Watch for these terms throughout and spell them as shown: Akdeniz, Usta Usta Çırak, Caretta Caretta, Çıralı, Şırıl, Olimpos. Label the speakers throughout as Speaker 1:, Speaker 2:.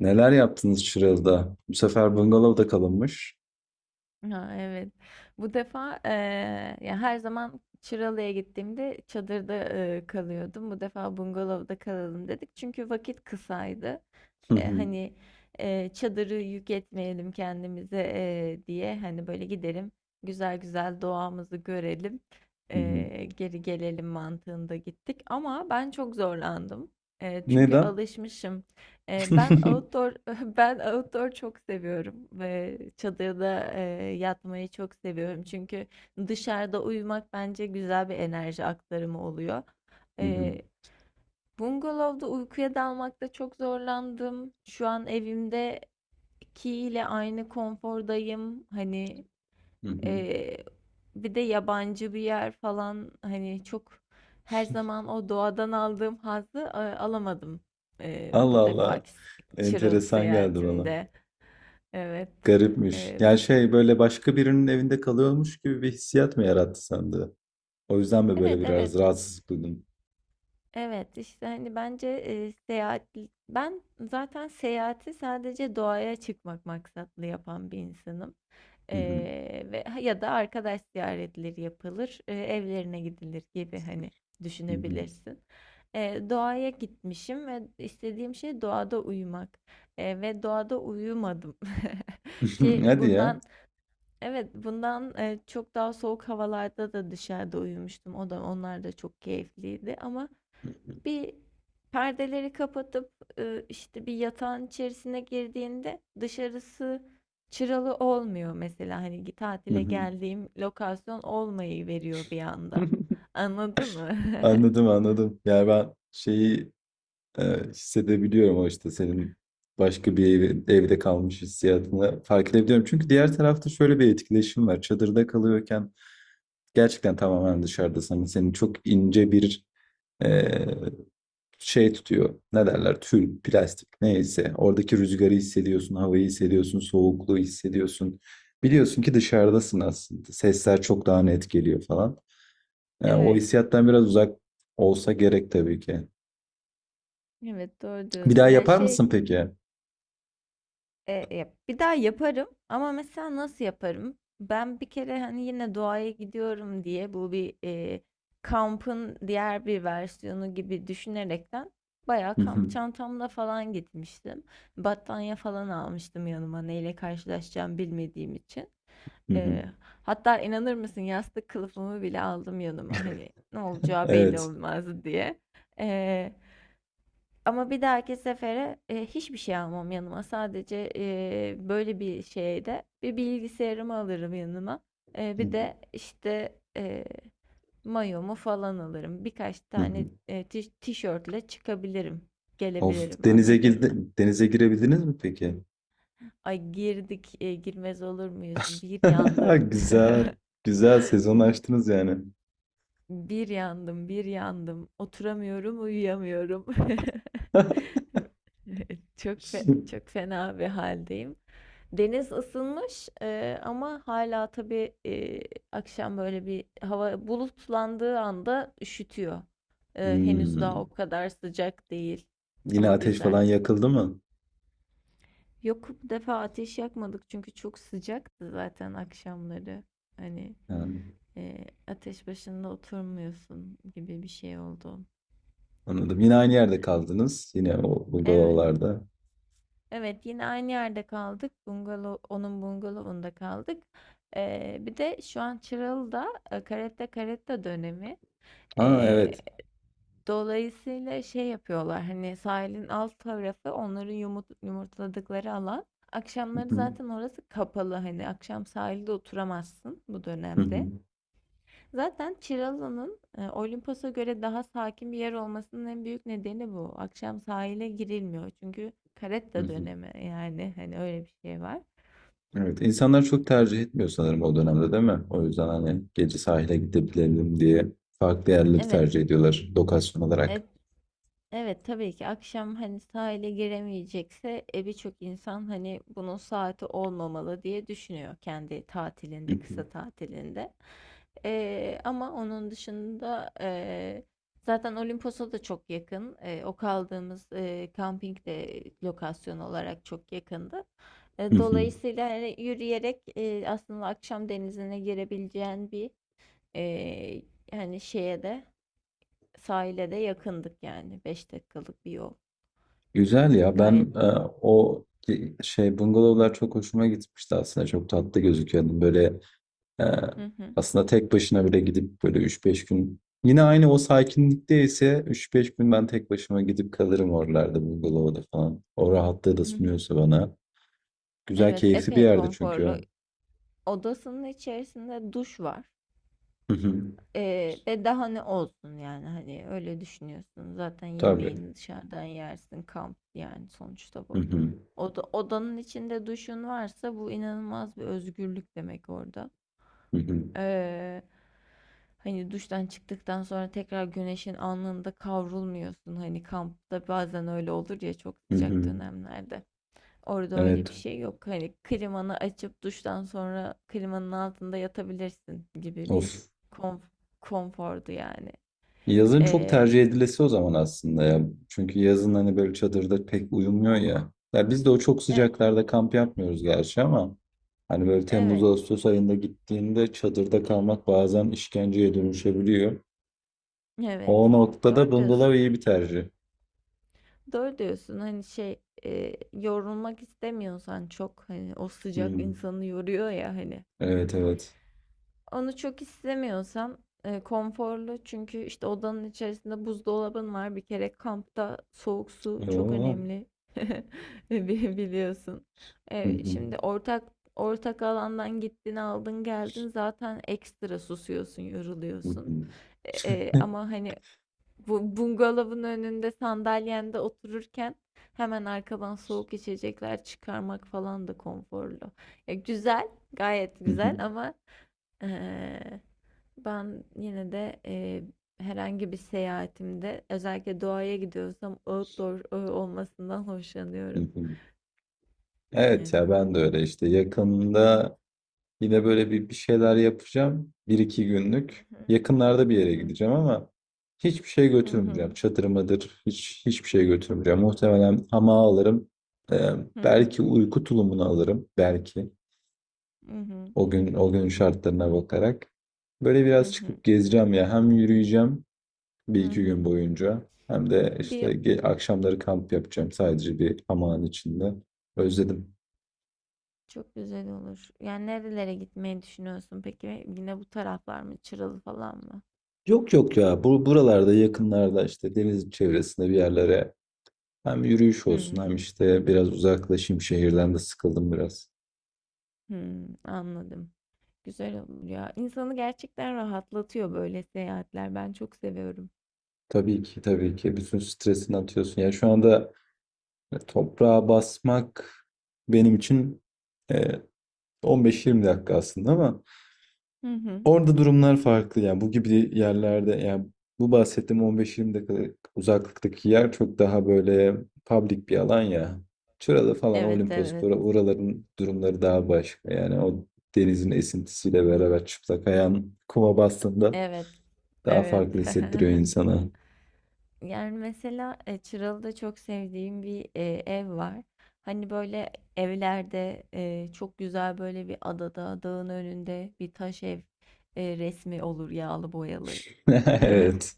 Speaker 1: Neler yaptınız Şırıl'da? Bu sefer bungalovda kalınmış.
Speaker 2: Ha, evet. Bu defa ya her zaman Çıralı'ya gittiğimde çadırda kalıyordum. Bu defa bungalovda kalalım dedik. Çünkü vakit kısaydı.
Speaker 1: Hı
Speaker 2: Eee,
Speaker 1: hı,
Speaker 2: hani, çadırı yük etmeyelim kendimize, diye, hani, böyle gidelim, güzel güzel doğamızı görelim,
Speaker 1: hı hı.
Speaker 2: geri gelelim mantığında gittik ama ben çok zorlandım. Çünkü
Speaker 1: Neden?
Speaker 2: alışmışım. Ben outdoor ben outdoor çok seviyorum ve çadırda, yatmayı çok seviyorum. Çünkü dışarıda uyumak bence güzel bir enerji aktarımı oluyor.
Speaker 1: Hı hı,
Speaker 2: Bungalovda uykuya dalmakta çok zorlandım. Şu an evimdeki ile aynı konfordayım. Hani
Speaker 1: hı hı.
Speaker 2: eee, bir de yabancı bir yer falan hani çok her zaman o doğadan aldığım hazzı alamadım eee,
Speaker 1: Allah
Speaker 2: bu
Speaker 1: Allah.
Speaker 2: defaki s- Çıralı
Speaker 1: Enteresan geldi bana.
Speaker 2: seyahatimde. Evet.
Speaker 1: Garipmiş.
Speaker 2: Eee,
Speaker 1: Yani şey böyle başka birinin evinde kalıyormuş gibi bir hissiyat mı yarattı sende? O yüzden mi böyle
Speaker 2: evet
Speaker 1: biraz
Speaker 2: evet
Speaker 1: rahatsızlık duydun?
Speaker 2: evet işte hani bence seyahat ben zaten seyahati sadece doğaya çıkmak maksatlı yapan bir insanım.
Speaker 1: Hı hı,
Speaker 2: Ve ya da arkadaş ziyaretleri yapılır, evlerine gidilir gibi hani
Speaker 1: hı hı.
Speaker 2: düşünebilirsin. Doğaya gitmişim ve istediğim şey doğada uyumak. Ve doğada uyumadım. Ki
Speaker 1: Hadi ya.
Speaker 2: bundan evet bundan eee, çok daha soğuk havalarda da dışarıda uyumuştum. O da onlar da çok keyifliydi ama
Speaker 1: Hı hı,
Speaker 2: bir perdeleri kapatıp, işte, bir yatağın içerisine girdiğinde dışarısı çıralı olmuyor mesela, hani,
Speaker 1: hı
Speaker 2: tatile
Speaker 1: hı.
Speaker 2: geldiğim lokasyon olmayı veriyor bir anda. Anladın mı?
Speaker 1: Anladım anladım. Yani ben şeyi. Evet, hissedebiliyorum o işte senin başka bir evde kalmış hissiyatını fark edebiliyorum. Çünkü diğer tarafta şöyle bir etkileşim var. Çadırda kalıyorken gerçekten tamamen dışarıdasın. Hani seni çok ince bir e, şey tutuyor. Ne derler? Tül, plastik neyse. Oradaki rüzgarı hissediyorsun, havayı hissediyorsun, soğukluğu hissediyorsun. Biliyorsun ki dışarıdasın aslında. Sesler çok daha net geliyor falan. O
Speaker 2: Evet,
Speaker 1: hissiyattan biraz uzak olsa gerek tabii ki.
Speaker 2: evet, doğru
Speaker 1: Bir daha
Speaker 2: diyorsun. Yani,
Speaker 1: yapar
Speaker 2: şey.
Speaker 1: mısın peki?
Speaker 2: E, ya bir daha yaparım ama mesela nasıl yaparım? Ben bir kere hani yine doğaya gidiyorum diye bu bir kampın diğer bir versiyonu gibi düşünerekten bayağı
Speaker 1: Hı
Speaker 2: kamp
Speaker 1: hı.
Speaker 2: çantamla falan gitmiştim. Battaniye falan almıştım yanıma neyle karşılaşacağım bilmediğim için.
Speaker 1: Hı hı.
Speaker 2: E, hatta inanır mısın yastık kılıfımı bile aldım yanıma hani ne olacağı belli
Speaker 1: Evet.
Speaker 2: olmaz diye. Ama bir dahaki sefere, hiçbir şey almam yanıma. Sadece, böyle bir şeyde bir bilgisayarımı alırım yanıma.
Speaker 1: Hı
Speaker 2: Bir
Speaker 1: hı.
Speaker 2: de, işte, mayomu falan alırım. Birkaç
Speaker 1: Hı
Speaker 2: tane,
Speaker 1: hı.
Speaker 2: tişörtle çıkabilirim,
Speaker 1: Of
Speaker 2: gelebilirim,
Speaker 1: denize
Speaker 2: anladın
Speaker 1: girdi,
Speaker 2: mı?
Speaker 1: denize girebildiniz mi peki?
Speaker 2: Ay girdik, girmez olur muyuz? Bir yandım,
Speaker 1: Güzel. Güzel sezon açtınız yani.
Speaker 2: bir yandım, bir yandım. Oturamıyorum, uyuyamıyorum. Çok fena bir haldeyim. Deniz ısınmış, ama hala tabii, akşam böyle bir hava bulutlandığı anda üşütüyor. Henüz daha
Speaker 1: Hmm.
Speaker 2: o kadar sıcak değil
Speaker 1: Yine
Speaker 2: ama
Speaker 1: ateş
Speaker 2: güzel.
Speaker 1: falan yakıldı mı?
Speaker 2: Yok, bu defa ateş yakmadık çünkü çok sıcaktı zaten akşamları. Hani,
Speaker 1: Yani,
Speaker 2: eee, ateş başında oturmuyorsun gibi bir şey oldu.
Speaker 1: anladım. Yine aynı yerde kaldınız. Yine o
Speaker 2: Evet.
Speaker 1: bungalovlarda.
Speaker 2: Evet, yine aynı yerde kaldık. Bungalov, onun bungalovunda kaldık. Bir de şu an Çıralı'da Caretta Caretta dönemi.
Speaker 1: Ha
Speaker 2: Ee,
Speaker 1: evet.
Speaker 2: dolayısıyla şey yapıyorlar hani sahilin alt tarafı onların yumurtladıkları alan.
Speaker 1: Hı
Speaker 2: Akşamları
Speaker 1: hı.
Speaker 2: zaten orası kapalı hani akşam sahilde oturamazsın bu
Speaker 1: Hı hı.
Speaker 2: dönemde. Zaten Çıralı'nın Olimpos'a göre daha sakin bir yer olmasının en büyük nedeni bu. Akşam sahile girilmiyor çünkü
Speaker 1: Hı
Speaker 2: karetta
Speaker 1: hı.
Speaker 2: dönemi yani hani öyle bir şey var.
Speaker 1: Evet, insanlar çok tercih etmiyor sanırım o dönemde değil mi? O yüzden hani gece sahile gidebilelim diye farklı yerleri
Speaker 2: Evet,
Speaker 1: tercih ediyorlar lokasyon olarak.
Speaker 2: et, Evet, tabii ki akşam hani sahile giremeyecekse birçok insan hani bunun saati olmamalı diye düşünüyor kendi
Speaker 1: Hı
Speaker 2: tatilinde kısa
Speaker 1: hı.
Speaker 2: tatilinde. Ama onun dışında zaten Olimpos'a da çok yakın. O kaldığımız kamping de lokasyon olarak çok yakındı.
Speaker 1: Hı
Speaker 2: E,
Speaker 1: hı.
Speaker 2: dolayısıyla hani yürüyerek aslında akşam denizine girebileceğin bir e, hani şeye de sahile de yakındık yani 5 dakikalık bir yol.
Speaker 1: Güzel ya ben
Speaker 2: Gayet.
Speaker 1: o şey bungalovlar çok hoşuma gitmişti aslında çok tatlı gözüküyordu böyle e,
Speaker 2: Hı hı.
Speaker 1: aslında tek başına bile gidip böyle üç beş gün yine aynı o sakinlikte ise 3-5 gün ben tek başıma gidip kalırım oralarda bungalovda falan o rahatlığı da
Speaker 2: Hı hı.
Speaker 1: sunuyorsa bana güzel
Speaker 2: Evet,
Speaker 1: keyifli bir
Speaker 2: epey
Speaker 1: yerdi
Speaker 2: konforlu.
Speaker 1: çünkü
Speaker 2: Odasının içerisinde duş var.
Speaker 1: Hı hı.
Speaker 2: Ve daha ne olsun yani hani öyle düşünüyorsun. Zaten
Speaker 1: Tabii.
Speaker 2: yemeğini dışarıdan yersin. Kamp yani sonuçta
Speaker 1: Hı
Speaker 2: bu.
Speaker 1: hı.
Speaker 2: Odanın içinde duşun varsa bu inanılmaz bir özgürlük demek orada.
Speaker 1: Hı hı.
Speaker 2: Ee, hani duştan çıktıktan sonra tekrar güneşin alnında kavrulmuyorsun. Hani kampta bazen öyle olur ya çok
Speaker 1: Hı
Speaker 2: sıcak
Speaker 1: hı.
Speaker 2: dönemlerde. Orada öyle bir
Speaker 1: Evet.
Speaker 2: şey yok. Hani klimanı açıp duştan sonra klimanın altında yatabilirsin gibi bir
Speaker 1: Of.
Speaker 2: konf- konfordu yani.
Speaker 1: Yazın çok
Speaker 2: Ee,
Speaker 1: tercih edilesi o zaman aslında ya. Çünkü yazın hani böyle çadırda pek uyumuyor ya. Ya biz de o çok
Speaker 2: e-
Speaker 1: sıcaklarda kamp yapmıyoruz gerçi ama hani böyle Temmuz
Speaker 2: evet,
Speaker 1: Ağustos ayında gittiğinde çadırda kalmak bazen işkenceye dönüşebiliyor.
Speaker 2: evet.
Speaker 1: O noktada
Speaker 2: Doğru diyorsun.
Speaker 1: bungalov iyi bir tercih.
Speaker 2: Doğru diyorsun. Hani şey yorulmak istemiyorsan çok hani o sıcak
Speaker 1: Hmm.
Speaker 2: insanı yoruyor ya hani
Speaker 1: Evet evet.
Speaker 2: onu çok istemiyorsan konforlu çünkü işte odanın içerisinde buzdolabın var. Bir kere kampta soğuk su çok
Speaker 1: Oo.
Speaker 2: önemli. Biliyorsun.
Speaker 1: Hı
Speaker 2: E,
Speaker 1: hı.
Speaker 2: şimdi ortak alandan gittin aldın geldin zaten ekstra susuyorsun
Speaker 1: Hı
Speaker 2: yoruluyorsun.
Speaker 1: hı.
Speaker 2: E, e, ama hani bu bungalovun önünde sandalyende otururken hemen arkadan soğuk içecekler çıkarmak falan da konforlu. Ya güzel, gayet
Speaker 1: Hı hı.
Speaker 2: güzel ama eee, ben yine de herhangi bir seyahatimde özellikle doğaya gidiyorsam outdoor olmasından
Speaker 1: Hı
Speaker 2: hoşlanıyorum.
Speaker 1: hı. Evet
Speaker 2: Evet.
Speaker 1: ya ben de öyle işte yakında. Yine böyle bir şeyler yapacağım. Bir iki günlük. Yakınlarda bir
Speaker 2: Hı
Speaker 1: yere
Speaker 2: hı.
Speaker 1: gideceğim ama hiçbir şey
Speaker 2: Hı
Speaker 1: götürmeyeceğim.
Speaker 2: hı.
Speaker 1: Çadır mıdır? Hiçbir şey götürmeyeceğim. Muhtemelen hamağı alırım. Ee,
Speaker 2: Hı hı.
Speaker 1: belki uyku tulumunu alırım. Belki.
Speaker 2: Hı hı.
Speaker 1: O gün o günün şartlarına bakarak. Böyle
Speaker 2: Hı
Speaker 1: biraz
Speaker 2: hı. Hı hı.
Speaker 1: çıkıp gezeceğim ya. Hem yürüyeceğim bir
Speaker 2: Hı
Speaker 1: iki gün
Speaker 2: hı.
Speaker 1: boyunca. Hem de işte
Speaker 2: Bir
Speaker 1: akşamları kamp yapacağım sadece bir hamağın içinde. Özledim.
Speaker 2: Çok güzel olur. Yani nerelere gitmeyi düşünüyorsun peki? Yine bu taraflar mı? Çıralı falan mı?
Speaker 1: Yok yok ya. Bu buralarda yakınlarda işte deniz çevresinde bir yerlere. Hem yürüyüş olsun
Speaker 2: Hmm,
Speaker 1: hem işte biraz uzaklaşayım şehirden de sıkıldım biraz.
Speaker 2: hmm, anladım. Güzel olur ya. İnsanı gerçekten rahatlatıyor böyle seyahatler. Ben çok seviyorum.
Speaker 1: Tabii ki tabii ki bütün stresini atıyorsun. Ya şu anda toprağa basmak benim için e, 15-20 dakika aslında ama
Speaker 2: Hı hı.
Speaker 1: orada durumlar farklı. Yani bu gibi yerlerde yani bu bahsettiğim 15-20 dakikalık uzaklıktaki yer çok daha böyle public bir alan ya. Çıralı falan
Speaker 2: Evet,
Speaker 1: Olimpos
Speaker 2: evet.
Speaker 1: oraların durumları daha başka. Yani o denizin esintisiyle beraber çıplak ayağın kuma bastığında
Speaker 2: Evet,
Speaker 1: daha
Speaker 2: evet
Speaker 1: farklı hissettiriyor insana.
Speaker 2: Yani mesela Çıralı'da çok sevdiğim bir ev var. Hani böyle evlerde çok güzel böyle bir adada, dağın önünde bir taş ev resmi olur yağlı boyalı.
Speaker 1: Evet.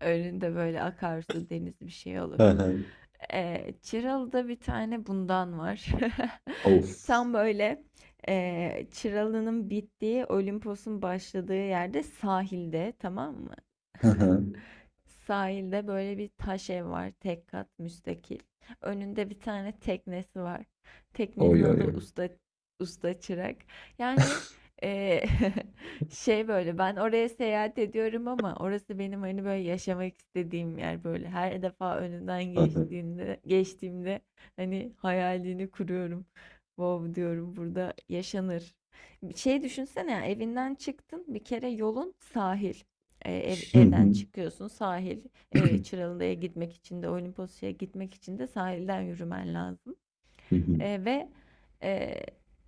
Speaker 2: Önünde böyle akarsu, deniz bir şey olur.
Speaker 1: Aha.
Speaker 2: Çıralı'da bir tane bundan var.
Speaker 1: Of.
Speaker 2: Tam böyle Çıralı'nın bittiği, Olimpos'un başladığı yerde sahilde, tamam mı?
Speaker 1: Aha.
Speaker 2: Sahilde böyle bir taş ev var. Tek kat müstakil. Önünde bir tane teknesi var. Teknenin
Speaker 1: Oy oy
Speaker 2: adı
Speaker 1: oy.
Speaker 2: Usta Çırak. Yani eee, şey böyle ben oraya seyahat ediyorum ama orası benim hani böyle yaşamak istediğim yer böyle. Her defa önünden
Speaker 1: Aha.
Speaker 2: geçtiğimde hani hayalini kuruyorum. Wow diyorum burada yaşanır. Şey düşünsene ya, evinden çıktın bir kere yolun sahil. Evden çıkıyorsun sahil, Çıralı'ya gitmek için de Olimpos'a gitmek için de sahilden yürümen lazım. E, ve e,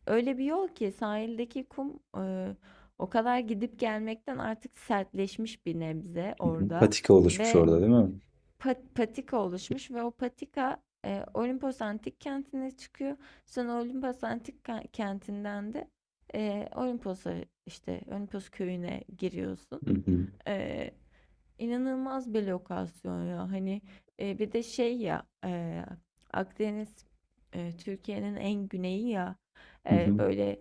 Speaker 2: Öyle bir yol ki sahildeki kum o kadar gidip gelmekten artık sertleşmiş bir nebze orada
Speaker 1: Patika oluşmuş
Speaker 2: ve
Speaker 1: orada değil mi?
Speaker 2: patika oluşmuş ve o patika Olimpos Antik Kenti'ne çıkıyor. Sonra Olimpos Antik Kenti'nden de Olimpos'a işte Olimpos köyüne giriyorsun. E, İnanılmaz bir lokasyon ya. Hani bir de şey ya, Akdeniz Türkiye'nin en güneyi ya. Böyle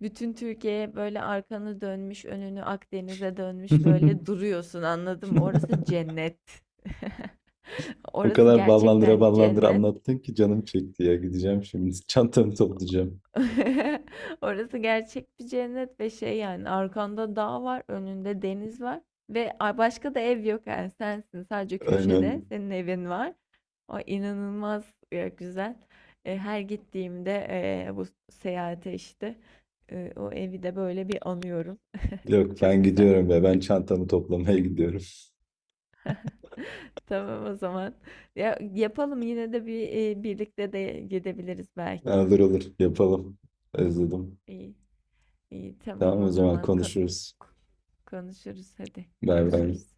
Speaker 2: bütün Türkiye böyle arkanı dönmüş, önünü Akdeniz'e dönmüş böyle duruyorsun anladın mı? Orası cennet.
Speaker 1: O
Speaker 2: Orası
Speaker 1: kadar ballandıra
Speaker 2: gerçekten
Speaker 1: ballandıra
Speaker 2: cennet.
Speaker 1: anlattın ki canım çekti ya. Gideceğim şimdi. Çantamı toplayacağım.
Speaker 2: Orası gerçek bir cennet ve şey yani arkanda dağ var, önünde deniz var ve başka da ev yok yani sensin sadece köşede
Speaker 1: Aynen.
Speaker 2: senin evin var. O inanılmaz güzel. Her gittiğimde bu seyahate işte o evi de böyle bir anıyorum.
Speaker 1: Yok
Speaker 2: Çok
Speaker 1: ben
Speaker 2: güzel.
Speaker 1: gidiyorum ve ben çantamı toplamaya gidiyorum.
Speaker 2: Tamam o zaman. Ya, yapalım yine de bir, birlikte de gidebiliriz belki.
Speaker 1: Olur olur yapalım. Özledim.
Speaker 2: İyi, iyi, tamam
Speaker 1: Tamam o
Speaker 2: o
Speaker 1: zaman
Speaker 2: zaman.
Speaker 1: konuşuruz.
Speaker 2: Konuşuruz hadi,
Speaker 1: Bay bay.
Speaker 2: görüşürüz.